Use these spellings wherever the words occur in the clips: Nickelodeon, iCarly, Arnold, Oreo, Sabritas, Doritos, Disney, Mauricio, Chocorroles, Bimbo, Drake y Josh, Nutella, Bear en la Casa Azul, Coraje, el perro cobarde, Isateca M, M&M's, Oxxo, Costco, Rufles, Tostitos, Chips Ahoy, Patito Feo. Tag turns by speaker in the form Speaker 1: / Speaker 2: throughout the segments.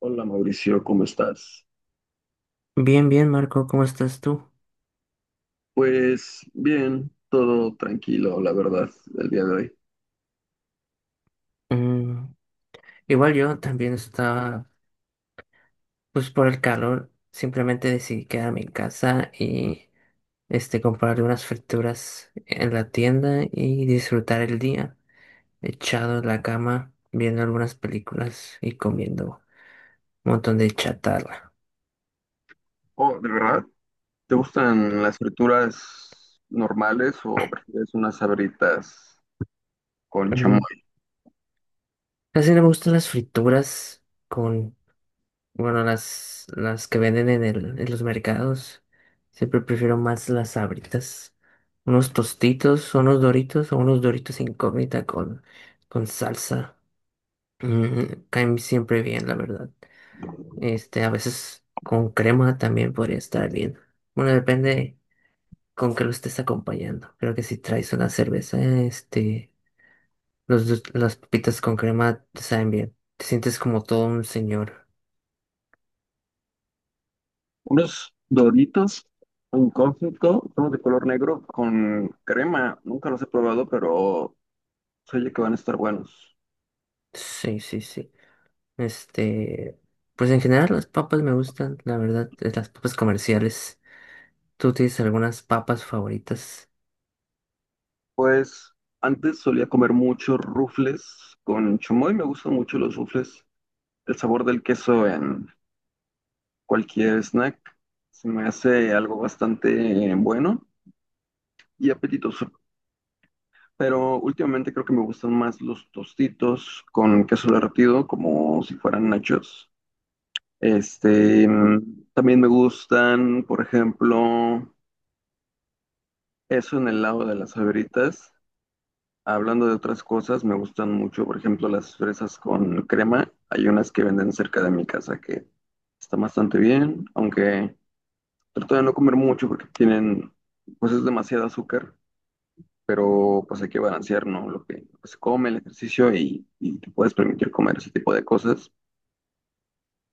Speaker 1: Hola Mauricio, ¿cómo estás?
Speaker 2: Bien, bien, Marco, ¿cómo estás tú?
Speaker 1: Pues bien, todo tranquilo, la verdad, el día de hoy.
Speaker 2: Mm, Igual yo también estaba, pues por el calor, simplemente decidí quedarme en casa y comprar unas frituras en la tienda y disfrutar el día, echado en la cama, viendo algunas películas y comiendo un montón de chatarra.
Speaker 1: Oh, ¿de verdad? ¿Te gustan las frituras normales o prefieres unas sabritas con chamoy?
Speaker 2: Mm, Casi no me gustan las frituras con bueno, las que venden en los mercados. Siempre prefiero más las Sabritas. Unos tostitos, unos doritos o unos doritos incógnita con salsa. Caen siempre bien, la verdad. A veces con crema también podría estar bien. Bueno, depende con qué lo estés acompañando. Creo que si traes una cerveza, las papitas con crema te saben bien. Te sientes como todo un señor.
Speaker 1: Unos Doritos en conflicto, son de color negro con crema. Nunca los he probado, pero se oye que van a estar buenos.
Speaker 2: Sí, sí, sí. Este, pues en general las papas me gustan, la verdad, las papas comerciales. ¿Tú tienes algunas papas favoritas?
Speaker 1: Pues antes solía comer muchos rufles con chamoy, me gustan mucho los rufles. El sabor del queso en cualquier snack. Se me hace algo bastante bueno y apetitoso. Pero últimamente creo que me gustan más los tostitos con queso derretido, como si fueran nachos. También me gustan, por ejemplo, eso en el lado de las favoritas. Hablando de otras cosas, me gustan mucho, por ejemplo, las fresas con crema. Hay unas que venden cerca de mi casa que están bastante bien, aunque trato de no comer mucho porque tienen, pues es demasiado azúcar, pero pues hay que balancear, ¿no? Lo que se come, el ejercicio y te puedes permitir comer ese tipo de cosas.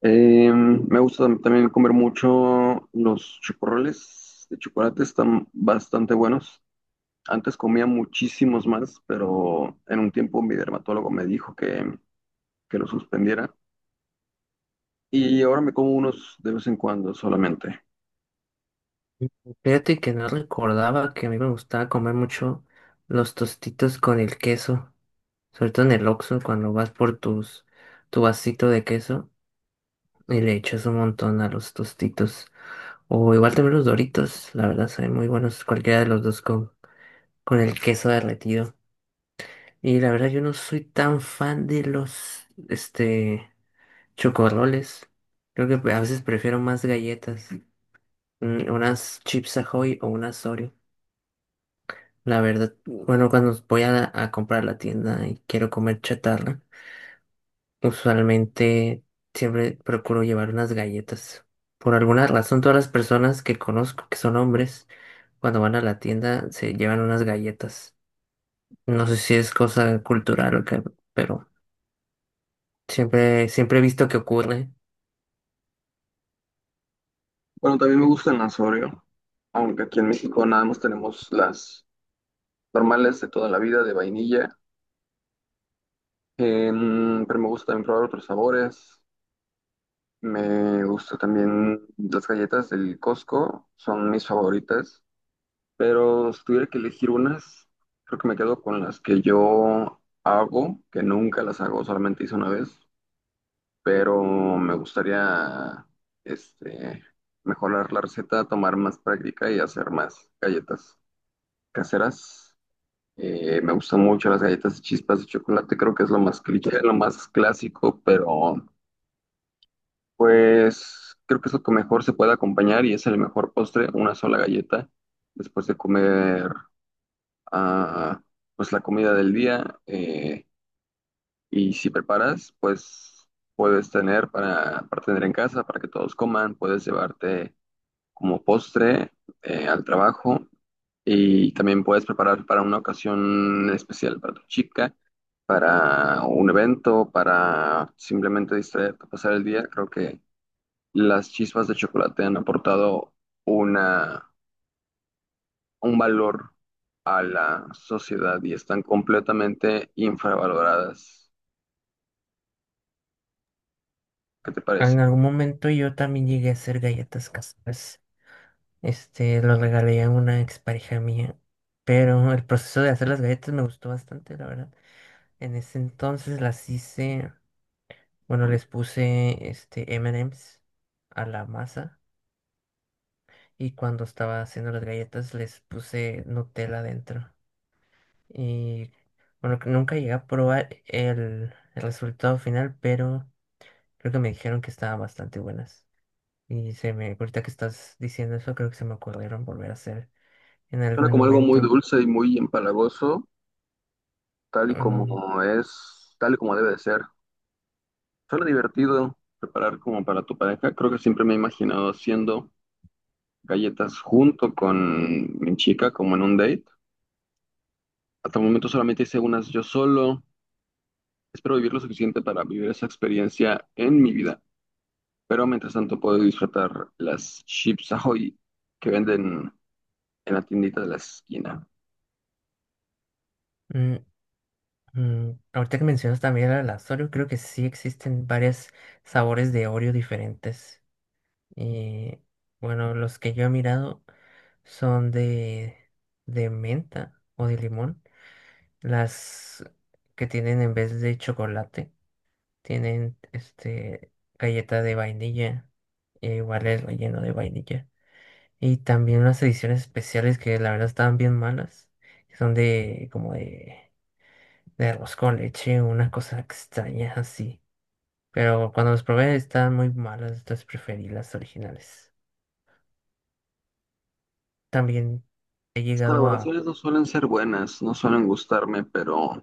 Speaker 1: Me gusta también comer mucho los chocorroles de chocolate, están bastante buenos. Antes comía muchísimos más, pero en un tiempo mi dermatólogo me dijo que lo suspendiera y ahora me como unos de vez en cuando solamente.
Speaker 2: Fíjate que no recordaba que a mí me gustaba comer mucho los tostitos con el queso, sobre todo en el Oxxo cuando vas por tus tu vasito de queso y le echas un montón a los tostitos. O igual también los Doritos, la verdad son muy buenos cualquiera de los dos con el queso derretido. Y la verdad yo no soy tan fan de los chocorroles. Creo que a veces prefiero más galletas, unas Chips Ahoy o unas Oreo. La verdad, bueno, cuando voy a comprar a la tienda y quiero comer chatarra, usualmente siempre procuro llevar unas galletas. Por alguna razón, todas las personas que conozco que son hombres, cuando van a la tienda se llevan unas galletas. No sé si es cosa cultural o qué, pero siempre he visto que ocurre.
Speaker 1: Bueno, también me gustan las Oreo, aunque aquí en México nada más tenemos las normales de toda la vida de vainilla. Pero me gusta también probar otros sabores. Me gusta también las galletas del Costco, son mis favoritas, pero si tuviera que elegir unas, creo que me quedo con las que yo hago, que nunca las hago, solamente hice una vez, pero me gustaría este, mejorar la receta, tomar más práctica y hacer más galletas caseras. Me gustan mucho las galletas de chispas de chocolate, creo que es lo más cliché, lo más clásico, pero pues creo que es lo que mejor se puede acompañar y es el mejor postre, una sola galleta, después de comer, ah, pues la comida del día. Y si preparas, pues puedes tener para tener en casa, para que todos coman, puedes llevarte como postre, al trabajo, y también puedes preparar para una ocasión especial para tu chica, para un evento, para simplemente distraerte, pasar el día. Creo que las chispas de chocolate han aportado una, un valor a la sociedad y están completamente infravaloradas. ¿Qué te
Speaker 2: En
Speaker 1: parece?
Speaker 2: algún momento yo también llegué a hacer galletas caseras. Lo regalé a una expareja mía. Pero el proceso de hacer las galletas me gustó bastante, la verdad. En ese entonces las hice, bueno, les puse M&M's a la masa y cuando estaba haciendo las galletas les puse Nutella dentro. Y bueno, que nunca llegué a probar el resultado final, pero creo que me dijeron que estaban bastante buenas. Y se me, ahorita que estás diciendo eso, creo que se me ocurrieron volver a hacer en
Speaker 1: Suena
Speaker 2: algún
Speaker 1: como algo muy
Speaker 2: momento.
Speaker 1: dulce y muy empalagoso, tal y como
Speaker 2: mm,
Speaker 1: es, tal y como debe de ser. Suena divertido preparar como para tu pareja. Creo que siempre me he imaginado haciendo galletas junto con mi chica, como en un date. Hasta el momento solamente hice unas yo solo. Espero vivir lo suficiente para vivir esa experiencia en mi vida. Pero mientras tanto puedo disfrutar las Chips Ahoy que venden en la tiendita de la esquina.
Speaker 2: Mm, Ahorita que mencionas también el Oreo, creo que sí existen varios sabores de Oreo diferentes. Y bueno, los que yo he mirado son de menta o de limón. Las que tienen en vez de chocolate, tienen galleta de vainilla, e igual es relleno de vainilla. Y también unas ediciones especiales que la verdad estaban bien malas, que son de como de arroz con leche, una cosa extraña así. Pero cuando las probé estaban muy malas, entonces preferí las originales. También he
Speaker 1: Las
Speaker 2: llegado a...
Speaker 1: colaboraciones no suelen ser buenas, no suelen gustarme, pero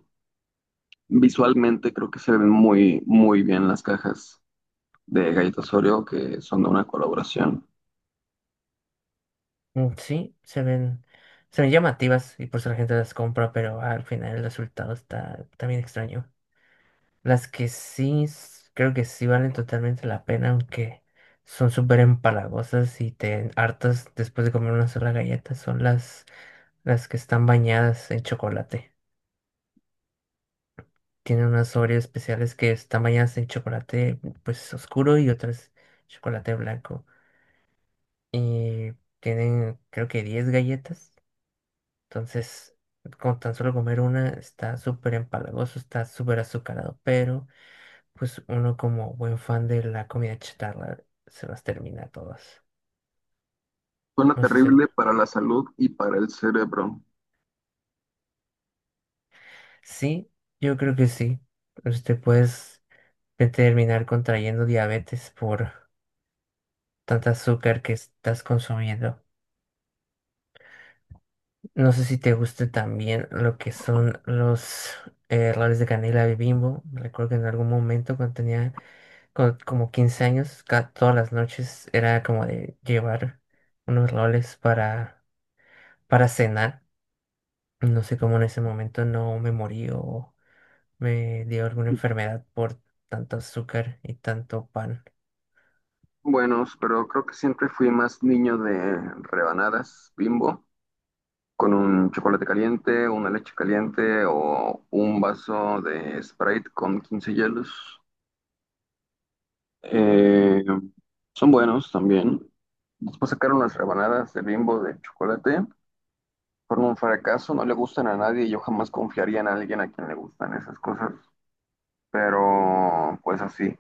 Speaker 1: visualmente creo que se ven muy bien las cajas de galletas Oreo que son de una colaboración.
Speaker 2: Sí, se ven llamativas y por eso la gente las compra, pero al final el resultado está también extraño. Las que sí, creo que sí valen totalmente la pena, aunque son súper empalagosas y te hartas después de comer una sola galleta, son las que están bañadas en chocolate. Tiene unas Oreos especiales que están bañadas en chocolate pues oscuro y otras chocolate blanco. Y tienen creo que 10 galletas. Entonces, con tan solo comer una está súper empalagoso, está súper azucarado. Pero pues uno como buen fan de la comida chatarra se las termina todas.
Speaker 1: Suena
Speaker 2: No sé si...
Speaker 1: terrible para la salud y para el cerebro.
Speaker 2: Sí, yo creo que sí. Usted puedes terminar contrayendo diabetes por tanta azúcar que estás consumiendo. No sé si te gusta también lo que son los roles de canela de Bimbo. Recuerdo que en algún momento cuando tenía como 15 años, todas las noches era como de llevar unos roles para cenar. No sé cómo en ese momento no me morí o me dio alguna enfermedad por tanto azúcar y tanto pan.
Speaker 1: Buenos, pero creo que siempre fui más niño de rebanadas Bimbo, con un chocolate caliente, una leche caliente o un vaso de Sprite con 15 hielos. Eh, Son buenos también. Después sacaron las rebanadas de Bimbo de chocolate. Fueron un fracaso, no le gustan a nadie y yo jamás confiaría en alguien a quien le gustan esas cosas, pero pues así.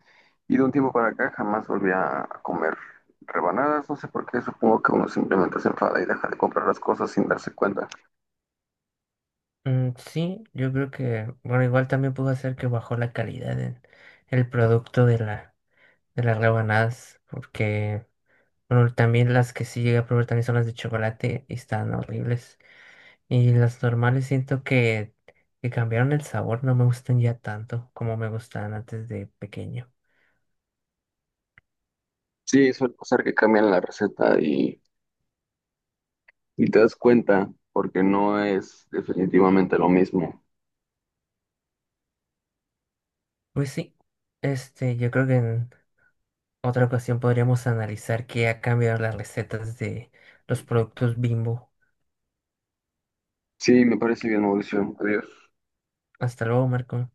Speaker 1: Y de un tiempo para acá jamás volví a comer rebanadas, no sé por qué, supongo que uno simplemente se enfada y deja de comprar las cosas sin darse cuenta.
Speaker 2: Sí, yo creo que, bueno, igual también pudo hacer que bajó la calidad en el producto de la de las rebanadas, porque pero también las que sí llegué a probar también son las de chocolate y están horribles. Y las normales siento que cambiaron el sabor, no me gustan ya tanto como me gustaban antes de pequeño.
Speaker 1: Sí, suele pasar que cambian la receta y te das cuenta porque no es definitivamente lo mismo.
Speaker 2: Pues sí, yo creo que en otra ocasión podríamos analizar qué ha cambiado las recetas de los productos Bimbo.
Speaker 1: Sí, me parece bien, Mauricio. Adiós.
Speaker 2: Hasta luego, Marco.